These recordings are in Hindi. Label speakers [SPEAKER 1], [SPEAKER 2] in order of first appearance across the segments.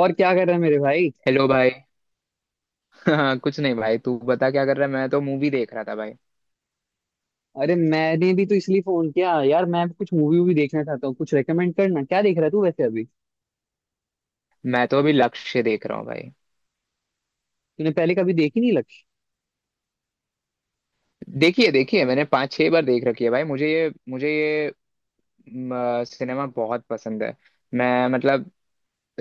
[SPEAKER 1] और क्या कर रहा है मेरे भाई?
[SPEAKER 2] हेलो भाई। हाँ कुछ नहीं भाई, तू बता क्या कर रहा है? मैं तो मूवी देख रहा था भाई।
[SPEAKER 1] अरे मैंने भी तो इसलिए फोन किया यार, मैं भी कुछ मूवी वूवी देखना चाहता हूँ, कुछ रेकमेंड करना। क्या देख रहा है तू वैसे अभी?
[SPEAKER 2] मैं तो अभी लक्ष्य देख रहा हूँ भाई।
[SPEAKER 1] तूने पहले कभी देखी नहीं लक्ष्य?
[SPEAKER 2] देखिए देखिए, मैंने 5 6 बार देख रखी है भाई। मुझे ये सिनेमा बहुत पसंद है। मैं मतलब,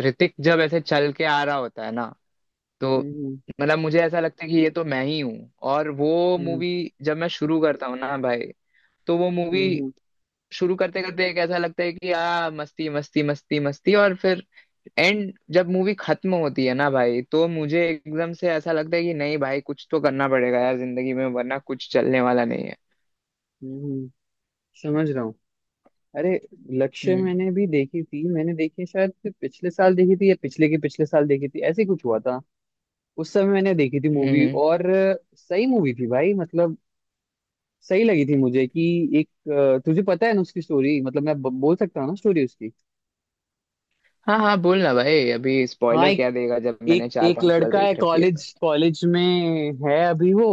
[SPEAKER 2] ऋतिक जब ऐसे चल के आ रहा होता है ना, तो
[SPEAKER 1] हम्म,
[SPEAKER 2] मतलब मुझे ऐसा लगता है कि ये तो मैं ही हूँ और वो
[SPEAKER 1] हम्म,
[SPEAKER 2] मूवी। जब मैं शुरू करता हूँ ना भाई, तो वो मूवी
[SPEAKER 1] हम्म, हम्म,
[SPEAKER 2] शुरू करते करते एक ऐसा लगता है कि आ, मस्ती मस्ती मस्ती मस्ती, और फिर एंड जब मूवी खत्म होती है ना भाई, तो मुझे एकदम से ऐसा लगता है कि नहीं भाई, कुछ तो करना पड़ेगा यार जिंदगी में, वरना कुछ चलने वाला नहीं है।
[SPEAKER 1] हम्म, हम्म, समझ रहा हूँ। अरे लक्ष्य
[SPEAKER 2] हम्म
[SPEAKER 1] मैंने भी देखी थी, मैंने देखी शायद कि पिछले साल देखी थी या पिछले के पिछले साल देखी थी, ऐसे ही कुछ हुआ था। उस समय मैंने देखी थी
[SPEAKER 2] हम्म
[SPEAKER 1] मूवी
[SPEAKER 2] हम्म।
[SPEAKER 1] और सही मूवी थी भाई, मतलब सही लगी थी मुझे कि एक तुझे पता है ना उसकी स्टोरी। मतलब मैं बोल सकता हूँ ना स्टोरी उसकी?
[SPEAKER 2] हाँ हाँ, बोल ना भाई, अभी
[SPEAKER 1] हाँ,
[SPEAKER 2] स्पॉइलर
[SPEAKER 1] एक
[SPEAKER 2] क्या देगा जब
[SPEAKER 1] एक
[SPEAKER 2] मैंने चार
[SPEAKER 1] एक
[SPEAKER 2] पांच बार
[SPEAKER 1] लड़का है
[SPEAKER 2] देख रखी है तो।
[SPEAKER 1] कॉलेज कॉलेज में है अभी वो,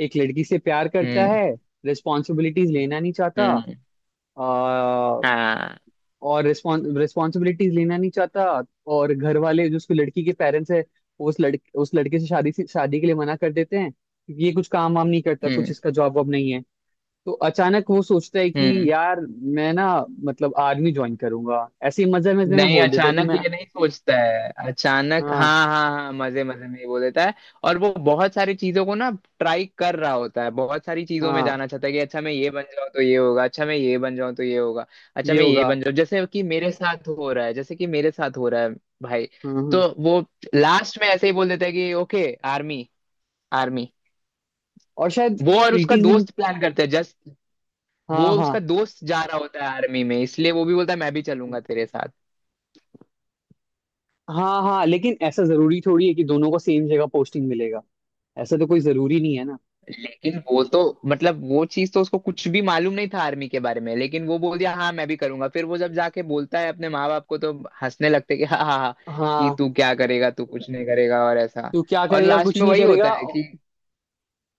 [SPEAKER 1] एक लड़की से प्यार करता
[SPEAKER 2] हम्म
[SPEAKER 1] है, रिस्पॉन्सिबिलिटीज लेना नहीं चाहता।
[SPEAKER 2] हम्म।
[SPEAKER 1] आ,
[SPEAKER 2] हाँ।
[SPEAKER 1] और रिस्पॉन्सिबिलिटीज लेना नहीं चाहता। और घर वाले जो उसकी लड़की के पेरेंट्स है, वो उस लड़के से शादी के लिए मना कर देते हैं, क्योंकि ये कुछ काम वाम नहीं करता, कुछ
[SPEAKER 2] हम्म
[SPEAKER 1] इसका जॉब वॉब नहीं है। तो अचानक वो सोचता है कि
[SPEAKER 2] हम्म।
[SPEAKER 1] यार मैं ना, मतलब आर्मी ज्वाइन करूंगा। ऐसे ही मजे मजे में
[SPEAKER 2] नहीं,
[SPEAKER 1] बोल देता है कि
[SPEAKER 2] अचानक
[SPEAKER 1] मैं।
[SPEAKER 2] ये नहीं सोचता है, अचानक
[SPEAKER 1] हाँ
[SPEAKER 2] हाँ हाँ हाँ, मजे मजे में ये बोल देता है। और वो बहुत सारी चीजों को ना ट्राई कर रहा होता है, बहुत सारी चीजों में
[SPEAKER 1] हाँ,
[SPEAKER 2] जाना चाहता है कि अच्छा मैं ये बन जाऊं तो ये होगा, अच्छा मैं ये बन जाऊं तो ये होगा, अच्छा
[SPEAKER 1] ये
[SPEAKER 2] मैं ये
[SPEAKER 1] होगा।
[SPEAKER 2] बन जाऊं, जैसे कि मेरे साथ हो रहा है, जैसे कि मेरे साथ हो रहा है भाई।
[SPEAKER 1] हम्म, हम्म।
[SPEAKER 2] तो वो लास्ट में ऐसे ही बोल देता है कि ओके आर्मी, आर्मी।
[SPEAKER 1] और शायद
[SPEAKER 2] वो और उसका
[SPEAKER 1] प्रीटीज इन।
[SPEAKER 2] दोस्त प्लान करते हैं जस्ट। वो
[SPEAKER 1] हाँ हाँ
[SPEAKER 2] उसका दोस्त जा रहा होता है आर्मी में, इसलिए वो भी बोलता है मैं भी चलूंगा तेरे साथ।
[SPEAKER 1] हाँ हाँ, लेकिन ऐसा जरूरी थोड़ी है कि दोनों को सेम जगह पोस्टिंग मिलेगा? ऐसा तो कोई जरूरी नहीं है ना?
[SPEAKER 2] लेकिन वो तो मतलब वो चीज तो उसको कुछ भी मालूम नहीं था आर्मी के बारे में, लेकिन वो बोल दिया हाँ मैं भी करूंगा। फिर वो जब जाके बोलता है अपने माँ बाप को, तो हंसने लगते कि हाँ हाँ हाँ, कि
[SPEAKER 1] हाँ,
[SPEAKER 2] तू क्या करेगा, तू कुछ नहीं करेगा, और ऐसा।
[SPEAKER 1] तो क्या
[SPEAKER 2] और
[SPEAKER 1] करेगा
[SPEAKER 2] लास्ट
[SPEAKER 1] कुछ
[SPEAKER 2] में
[SPEAKER 1] नहीं
[SPEAKER 2] वही होता
[SPEAKER 1] करेगा?
[SPEAKER 2] है कि।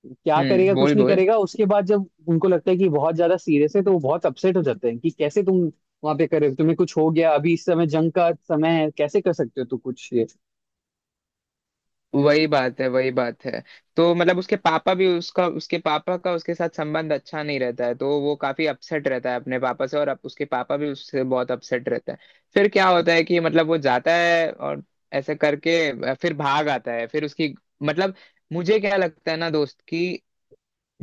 [SPEAKER 1] क्या करेगा
[SPEAKER 2] हम्म,
[SPEAKER 1] कुछ
[SPEAKER 2] बोल
[SPEAKER 1] नहीं
[SPEAKER 2] बोल।
[SPEAKER 1] करेगा? उसके बाद जब उनको लगता है कि बहुत ज्यादा सीरियस है तो वो बहुत अपसेट हो जाते हैं कि कैसे तुम वहां पे करे, तुम्हें कुछ हो गया, अभी इस समय जंग का समय है, कैसे कर सकते हो तू कुछ ये।
[SPEAKER 2] वही बात है वही बात है। तो मतलब उसके पापा भी, उसका उसके पापा का उसके साथ संबंध अच्छा नहीं रहता है, तो वो काफी अपसेट रहता है अपने पापा से, और अब उसके पापा भी उससे बहुत अपसेट रहता है। फिर क्या होता है कि मतलब वो जाता है और ऐसे करके फिर भाग आता है, फिर उसकी मतलब, मुझे क्या लगता है ना दोस्त कि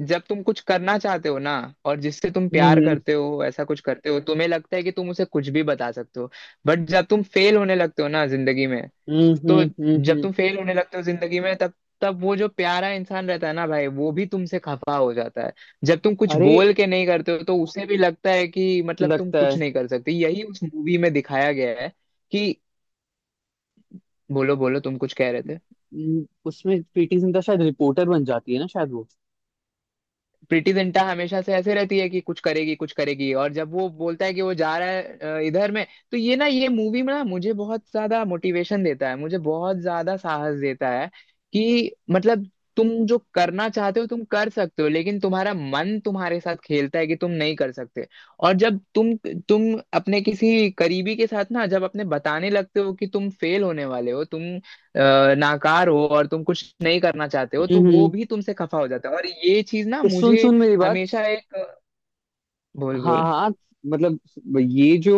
[SPEAKER 2] जब तुम कुछ करना चाहते हो ना, और जिससे तुम प्यार
[SPEAKER 1] हम्म,
[SPEAKER 2] करते हो ऐसा कुछ करते हो, तुम्हें लगता है कि तुम उसे कुछ भी बता सकते हो। बट जब तुम फेल होने लगते हो ना जिंदगी में,
[SPEAKER 1] हम्म,
[SPEAKER 2] तो
[SPEAKER 1] हम्म, हम्म,
[SPEAKER 2] जब तुम फेल होने लगते हो जिंदगी में, तब तब वो जो प्यारा इंसान रहता है ना भाई, वो भी तुमसे खफा हो जाता है। जब तुम कुछ
[SPEAKER 1] अरे
[SPEAKER 2] बोल के नहीं करते हो, तो उसे भी लगता है कि मतलब तुम
[SPEAKER 1] लगता है।
[SPEAKER 2] कुछ नहीं कर सकते, यही उस मूवी में दिखाया गया है कि। बोलो बोलो, तुम कुछ कह रहे थे?
[SPEAKER 1] उसमें प्रीति जिंटा शायद रिपोर्टर बन जाती है ना, शायद वो।
[SPEAKER 2] प्रीति जिंटा हमेशा से ऐसे रहती है कि कुछ करेगी कुछ करेगी, और जब वो बोलता है कि वो जा रहा है इधर में, तो ये ना ये मूवी में ना मुझे बहुत ज्यादा मोटिवेशन देता है, मुझे बहुत ज्यादा साहस देता है कि मतलब तुम जो करना चाहते हो तुम कर सकते हो, लेकिन तुम्हारा मन तुम्हारे साथ खेलता है कि तुम नहीं कर सकते। और जब तुम, तुम अपने किसी करीबी के साथ ना जब अपने बताने लगते हो कि तुम फेल होने वाले हो, तुम नाकार हो और तुम कुछ नहीं करना चाहते हो, तो वो
[SPEAKER 1] हम्म,
[SPEAKER 2] भी तुमसे खफा हो जाता है, और ये चीज ना
[SPEAKER 1] सुन
[SPEAKER 2] मुझे
[SPEAKER 1] सुन मेरी बात।
[SPEAKER 2] हमेशा एक। बोल
[SPEAKER 1] हाँ
[SPEAKER 2] बोल।
[SPEAKER 1] हाँ, मतलब ये जो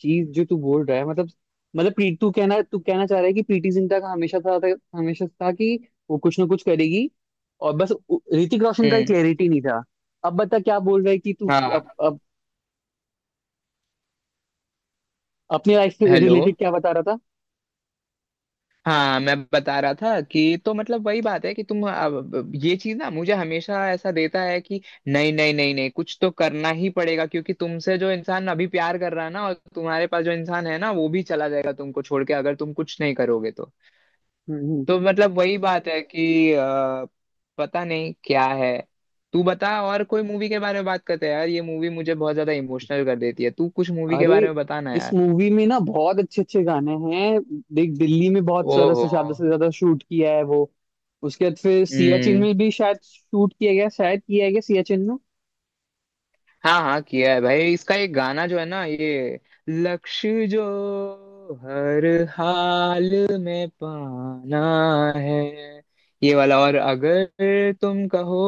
[SPEAKER 1] चीज जो तू बोल रहा है, मतलब प्री तू कहना चाह रहा है कि प्रीति जिंटा का हमेशा था, हमेशा था कि वो कुछ ना कुछ करेगी। और बस ऋतिक रोशन का एक
[SPEAKER 2] हम्म।
[SPEAKER 1] क्लैरिटी नहीं था। अब बता क्या बोल रहा है कि तू
[SPEAKER 2] हाँ।
[SPEAKER 1] अब अपने लाइफ से
[SPEAKER 2] हेलो।
[SPEAKER 1] रिलेटेड क्या बता रहा था?
[SPEAKER 2] हाँ, मैं बता रहा था कि तो मतलब वही बात है कि तुम अब, ये चीज ना मुझे हमेशा ऐसा देता है कि नहीं नहीं नहीं नहीं, कुछ तो करना ही पड़ेगा क्योंकि तुमसे जो इंसान अभी प्यार कर रहा है ना, और तुम्हारे पास जो इंसान है ना, वो भी चला जाएगा तुमको छोड़ के अगर तुम कुछ नहीं करोगे तो।
[SPEAKER 1] हम्म।
[SPEAKER 2] तो मतलब वही बात है कि पता नहीं क्या है। तू बता और कोई मूवी के बारे में बात करते हैं यार, ये मूवी मुझे बहुत ज्यादा इमोशनल कर देती है, तू कुछ मूवी के
[SPEAKER 1] अरे
[SPEAKER 2] बारे में बता ना
[SPEAKER 1] इस
[SPEAKER 2] यार।
[SPEAKER 1] मूवी में ना बहुत अच्छे अच्छे गाने हैं। देख दिल्ली में बहुत सारा
[SPEAKER 2] ओहो।
[SPEAKER 1] से ज्यादा शूट किया है वो। उसके बाद फिर सियाचिन
[SPEAKER 2] हम्म।
[SPEAKER 1] में भी शायद शूट किया गया, शायद किया गया सियाचिन में।
[SPEAKER 2] हाँ हाँ, किया है भाई, इसका एक गाना जो है ना ये, लक्ष्य जो हर हाल में पाना है, ये वाला, और अगर तुम कहो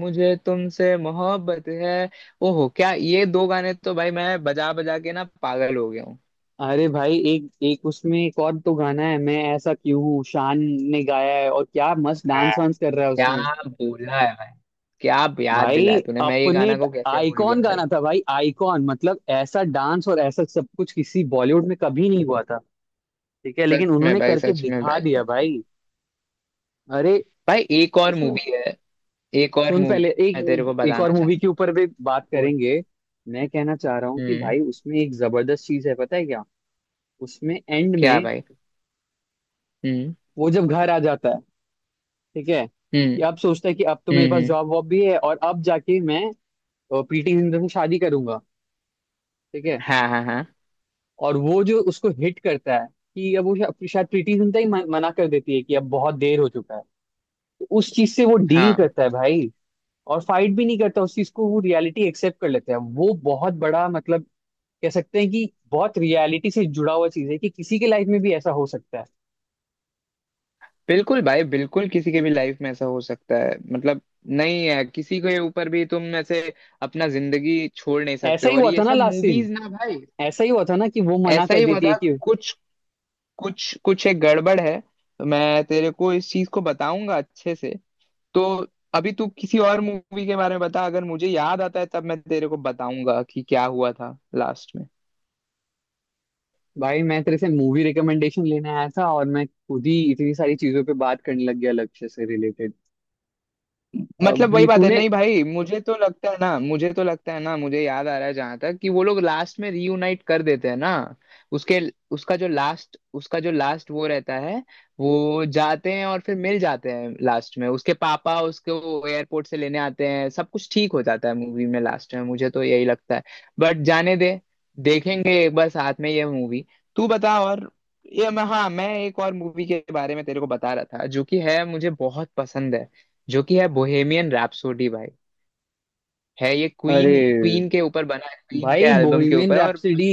[SPEAKER 2] मुझे तुमसे मोहब्बत है। ओहो क्या, ये दो गाने तो भाई मैं बजा बजा के ना पागल हो गया हूँ।
[SPEAKER 1] अरे भाई एक एक उसमें एक और तो गाना है, मैं ऐसा क्यों हूँ, शान ने गाया है। और क्या मस्त
[SPEAKER 2] हाँ,
[SPEAKER 1] डांस वांस कर रहा है
[SPEAKER 2] क्या
[SPEAKER 1] उसमें।
[SPEAKER 2] बोला है भाई, क्या याद
[SPEAKER 1] भाई
[SPEAKER 2] दिलाया तूने, मैं ये
[SPEAKER 1] अपने
[SPEAKER 2] गाना को कैसे भूल गया
[SPEAKER 1] आइकॉन
[SPEAKER 2] भाई।
[SPEAKER 1] गाना था भाई, आइकॉन मतलब ऐसा डांस और ऐसा सब कुछ किसी बॉलीवुड में कभी नहीं हुआ था। ठीक है, लेकिन
[SPEAKER 2] सच में
[SPEAKER 1] उन्होंने
[SPEAKER 2] भाई,
[SPEAKER 1] करके
[SPEAKER 2] सच में
[SPEAKER 1] दिखा
[SPEAKER 2] भाई,
[SPEAKER 1] दिया
[SPEAKER 2] सच में।
[SPEAKER 1] भाई। अरे
[SPEAKER 2] भाई एक और
[SPEAKER 1] उसमें
[SPEAKER 2] मूवी है, एक और
[SPEAKER 1] सुन,
[SPEAKER 2] मूवी
[SPEAKER 1] पहले
[SPEAKER 2] मैं तेरे
[SPEAKER 1] एक
[SPEAKER 2] को
[SPEAKER 1] एक और
[SPEAKER 2] बताना
[SPEAKER 1] मूवी के
[SPEAKER 2] चाहता हूँ
[SPEAKER 1] ऊपर भी बात
[SPEAKER 2] वो।
[SPEAKER 1] करेंगे। मैं कहना चाह रहा हूँ कि
[SPEAKER 2] हम्म।
[SPEAKER 1] भाई उसमें एक जबरदस्त चीज है, पता है क्या? उसमें एंड
[SPEAKER 2] क्या
[SPEAKER 1] में
[SPEAKER 2] भाई? हम्म
[SPEAKER 1] वो जब घर आ जाता है, ठीक है,
[SPEAKER 2] हम्म।
[SPEAKER 1] कि अब सोचता है कि अब तो मेरे
[SPEAKER 2] हम्म
[SPEAKER 1] पास
[SPEAKER 2] हम्म,
[SPEAKER 1] जॉब वॉब भी है और अब जाके मैं प्रीति जिंटा से शादी करूंगा। ठीक है।
[SPEAKER 2] हाँ हाँ हाँ
[SPEAKER 1] और वो जो उसको हिट करता है कि अब वो शायद प्रीति जिंटा ही मना कर देती है कि अब बहुत देर हो चुका है। तो उस चीज से वो डील
[SPEAKER 2] हाँ।
[SPEAKER 1] करता है भाई। और फाइट भी नहीं करता उस चीज को, वो रियलिटी एक्सेप्ट कर लेता है, वो बहुत बड़ा मतलब, कह सकते हैं कि बहुत रियलिटी से जुड़ा हुआ चीज है कि किसी के लाइफ में भी ऐसा हो सकता है।
[SPEAKER 2] बिल्कुल भाई बिल्कुल, किसी के भी लाइफ में ऐसा हो सकता है मतलब, नहीं है, किसी के ऊपर भी तुम ऐसे अपना जिंदगी छोड़ नहीं सकते,
[SPEAKER 1] ऐसा ही
[SPEAKER 2] और
[SPEAKER 1] हुआ था
[SPEAKER 2] ये
[SPEAKER 1] ना
[SPEAKER 2] सब
[SPEAKER 1] लास्ट सीन?
[SPEAKER 2] मूवीज ना भाई।
[SPEAKER 1] ऐसा ही हुआ था ना कि वो मना
[SPEAKER 2] ऐसा
[SPEAKER 1] कर
[SPEAKER 2] ही हुआ
[SPEAKER 1] देती है
[SPEAKER 2] था।
[SPEAKER 1] कि?
[SPEAKER 2] कुछ कुछ कुछ एक गड़बड़ है। मैं तेरे को इस चीज को बताऊंगा अच्छे से। तो अभी तू किसी और मूवी के बारे में बता, अगर मुझे याद आता है तब मैं तेरे को बताऊंगा कि क्या हुआ था लास्ट में।
[SPEAKER 1] भाई मैं तेरे से मूवी रिकमेंडेशन लेने आया था, और मैं खुद ही इतनी सारी चीजों पे बात करने लग गया लक्ष्य से रिलेटेड।
[SPEAKER 2] मतलब वही
[SPEAKER 1] अभी
[SPEAKER 2] बात है,
[SPEAKER 1] तूने,
[SPEAKER 2] नहीं भाई, मुझे तो लगता है ना, मुझे तो लगता है ना, मुझे याद आ रहा है जहां तक कि वो लोग लास्ट में रीयूनाइट कर देते हैं ना, उसके उसका जो लास्ट वो रहता है, वो जाते हैं और फिर मिल जाते हैं लास्ट में, उसके पापा उसको एयरपोर्ट से लेने आते हैं, सब कुछ ठीक हो जाता है मूवी में लास्ट में, मुझे तो यही लगता है। बट जाने दे, देखेंगे एक बार साथ में ये मूवी। तू बता और। ये मैं, हाँ मैं एक और मूवी के बारे में तेरे को बता रहा था, जो कि है मुझे बहुत पसंद है, जो कि है बोहेमियन रैप्सोडी भाई। है ये
[SPEAKER 1] अरे
[SPEAKER 2] क्वीन क्वीन के ऊपर बना है, क्वीन के
[SPEAKER 1] भाई
[SPEAKER 2] एल्बम के
[SPEAKER 1] बोहिमियन
[SPEAKER 2] ऊपर, और
[SPEAKER 1] रैप्सोडी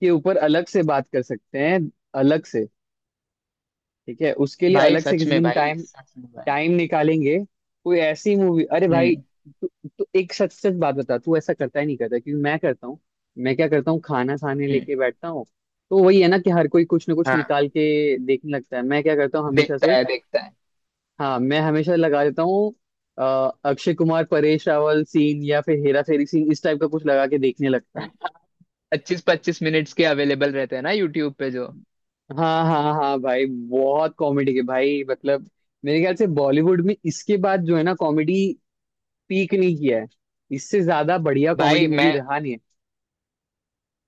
[SPEAKER 1] के ऊपर अलग से बात कर सकते हैं, अलग से। ठीक है, उसके लिए
[SPEAKER 2] भाई
[SPEAKER 1] अलग से
[SPEAKER 2] सच
[SPEAKER 1] किसी
[SPEAKER 2] में
[SPEAKER 1] दिन
[SPEAKER 2] भाई
[SPEAKER 1] टाइम
[SPEAKER 2] सच में भाई।
[SPEAKER 1] टाइम निकालेंगे। कोई ऐसी मूवी, अरे भाई,
[SPEAKER 2] हम्म
[SPEAKER 1] तू तू एक सच सच बात बता, तू ऐसा करता ही नहीं करता क्योंकि मैं करता हूँ। मैं क्या करता हूँ, खाना खाने
[SPEAKER 2] हम्म।
[SPEAKER 1] लेके बैठता हूँ। तो वही है ना कि हर कोई कुछ ना कुछ
[SPEAKER 2] हाँ।
[SPEAKER 1] निकाल के देखने लगता है। मैं क्या करता हूँ हमेशा
[SPEAKER 2] देखता
[SPEAKER 1] से?
[SPEAKER 2] है देखता है।
[SPEAKER 1] हाँ मैं हमेशा लगा देता हूँ अ, अक्षय कुमार परेश रावल सीन या फिर हेरा फेरी सीन, इस टाइप का कुछ लगा के देखने लगता हूँ।
[SPEAKER 2] 25 25 मिनट्स के अवेलेबल रहते हैं ना यूट्यूब पे जो।
[SPEAKER 1] हाँ हाँ हाँ भाई, बहुत कॉमेडी के भाई, मतलब मेरे ख्याल से बॉलीवुड में इसके बाद जो है ना, कॉमेडी पीक नहीं किया है। इससे ज्यादा बढ़िया कॉमेडी
[SPEAKER 2] भाई
[SPEAKER 1] मूवी
[SPEAKER 2] मैं
[SPEAKER 1] रहा नहीं है।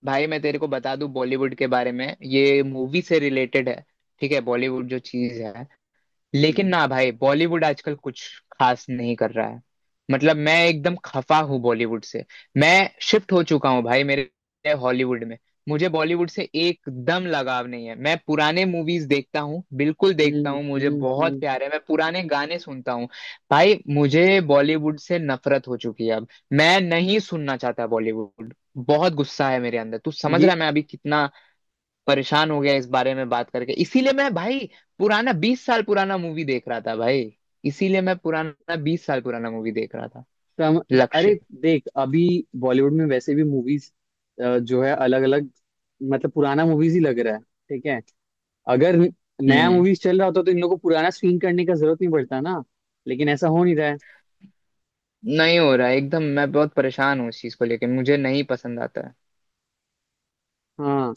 [SPEAKER 2] भाई मैं तेरे को बता दूं बॉलीवुड के बारे में, ये मूवी से रिलेटेड है। ठीक है बॉलीवुड जो चीज है, लेकिन
[SPEAKER 1] हम्म,
[SPEAKER 2] ना भाई, बॉलीवुड आजकल कुछ खास नहीं कर रहा है, मतलब मैं एकदम खफा हूँ बॉलीवुड से। मैं शिफ्ट हो चुका हूँ भाई मेरे हॉलीवुड में। मुझे बॉलीवुड से एकदम लगाव नहीं है, मैं पुराने मूवीज देखता हूँ, बिल्कुल देखता
[SPEAKER 1] हम्म,
[SPEAKER 2] हूँ, मुझे
[SPEAKER 1] हम्म,
[SPEAKER 2] बहुत प्यार है, मैं पुराने गाने सुनता हूँ भाई। मुझे बॉलीवुड से नफरत हो चुकी है अब, मैं नहीं सुनना चाहता बॉलीवुड, बहुत गुस्सा है मेरे अंदर, तू समझ रहा
[SPEAKER 1] ये
[SPEAKER 2] है मैं अभी कितना परेशान हो गया इस बारे में बात करके, इसीलिए मैं भाई पुराना 20 साल पुराना मूवी देख रहा था भाई, इसीलिए मैं पुराना 20 साल पुराना मूवी देख रहा था,
[SPEAKER 1] कम, अरे
[SPEAKER 2] लक्ष्य।
[SPEAKER 1] देख अभी बॉलीवुड में वैसे भी मूवीज जो है अलग अलग, मतलब पुराना मूवीज ही लग रहा है। ठीक है, अगर नया
[SPEAKER 2] हम्म।
[SPEAKER 1] मूवीज चल रहा होता तो इन लोगों को पुराना स्क्रीन करने का जरूरत नहीं पड़ता ना। लेकिन ऐसा हो नहीं रहा है।
[SPEAKER 2] नहीं हो रहा है, एकदम, मैं बहुत परेशान हूँ इस चीज को लेके, मुझे नहीं पसंद आता है।
[SPEAKER 1] हाँ,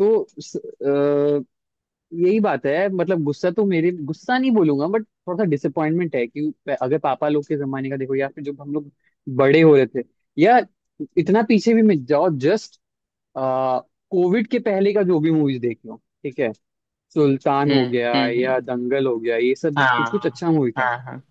[SPEAKER 1] तो यही बात है, मतलब गुस्सा तो मेरे, गुस्सा नहीं बोलूंगा बट थोड़ा सा डिसअपॉइंटमेंट है कि अगर पापा लोग के जमाने का देखो या फिर जब हम लोग बड़े हो रहे थे, या इतना पीछे भी मत जाओ, जस्ट कोविड के पहले का जो भी मूवीज देख लो। ठीक है, सुल्तान हो
[SPEAKER 2] हम्म
[SPEAKER 1] गया
[SPEAKER 2] हम्म।
[SPEAKER 1] या दंगल हो गया, ये सब कुछ
[SPEAKER 2] हाँ
[SPEAKER 1] कुछ अच्छा मूवी था।
[SPEAKER 2] हाँ हाँ,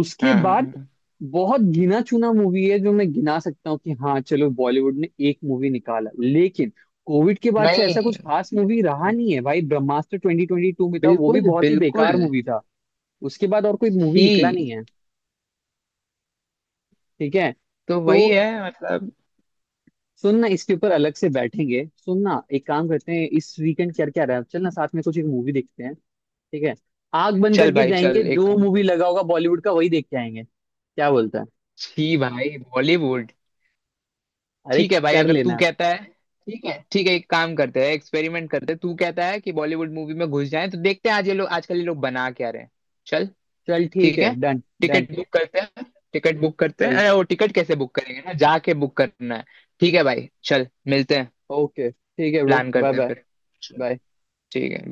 [SPEAKER 1] उसके
[SPEAKER 2] हाँ हाँ,
[SPEAKER 1] बाद
[SPEAKER 2] हाँ।
[SPEAKER 1] बहुत गिना चुना मूवी है जो मैं गिना सकता हूँ कि हाँ चलो बॉलीवुड ने एक मूवी निकाला, लेकिन कोविड के बाद से
[SPEAKER 2] नहीं
[SPEAKER 1] ऐसा कुछ खास मूवी रहा नहीं है भाई। ब्रह्मास्त्र 2022 में था, वो भी
[SPEAKER 2] बिल्कुल
[SPEAKER 1] बहुत ही बेकार
[SPEAKER 2] बिल्कुल।
[SPEAKER 1] मूवी था। उसके बाद और कोई मूवी
[SPEAKER 2] छी।
[SPEAKER 1] निकला नहीं है। ठीक है,
[SPEAKER 2] तो
[SPEAKER 1] तो
[SPEAKER 2] वही है मतलब।
[SPEAKER 1] सुनना, इसके ऊपर अलग से बैठेंगे। सुनना, एक काम करते हैं, इस वीकेंड क्या क्या रहा है, चलना साथ में कुछ एक मूवी देखते हैं। ठीक है, आग बंद
[SPEAKER 2] चल
[SPEAKER 1] करके
[SPEAKER 2] भाई
[SPEAKER 1] जाएंगे,
[SPEAKER 2] चल, एक
[SPEAKER 1] जो
[SPEAKER 2] काम कर।
[SPEAKER 1] मूवी लगा होगा बॉलीवुड का वही देख के आएंगे, क्या बोलता है?
[SPEAKER 2] छी भाई बॉलीवुड।
[SPEAKER 1] अरे
[SPEAKER 2] ठीक है भाई,
[SPEAKER 1] कर
[SPEAKER 2] अगर तू
[SPEAKER 1] लेना।
[SPEAKER 2] कहता है, ठीक है ठीक है, एक काम करते हैं, एक्सपेरिमेंट करते हैं, तू कहता है कि बॉलीवुड मूवी में घुस जाएं तो देखते हैं आज ये लोग, आजकल ये लोग बना क्या रहे हैं। चल,
[SPEAKER 1] चल ठीक
[SPEAKER 2] ठीक
[SPEAKER 1] है,
[SPEAKER 2] है,
[SPEAKER 1] डन। डन
[SPEAKER 2] टिकट बुक करते हैं। टिकट बुक करते हैं,
[SPEAKER 1] चल,
[SPEAKER 2] अरे वो टिकट कैसे बुक करेंगे, ना जाके बुक करना है। ठीक है भाई चल मिलते हैं।
[SPEAKER 1] ओके, ठीक है ब्रो,
[SPEAKER 2] प्लान
[SPEAKER 1] बाय
[SPEAKER 2] करते हैं,
[SPEAKER 1] बाय
[SPEAKER 2] ओके फिर। चल।
[SPEAKER 1] बाय।
[SPEAKER 2] ठीक है।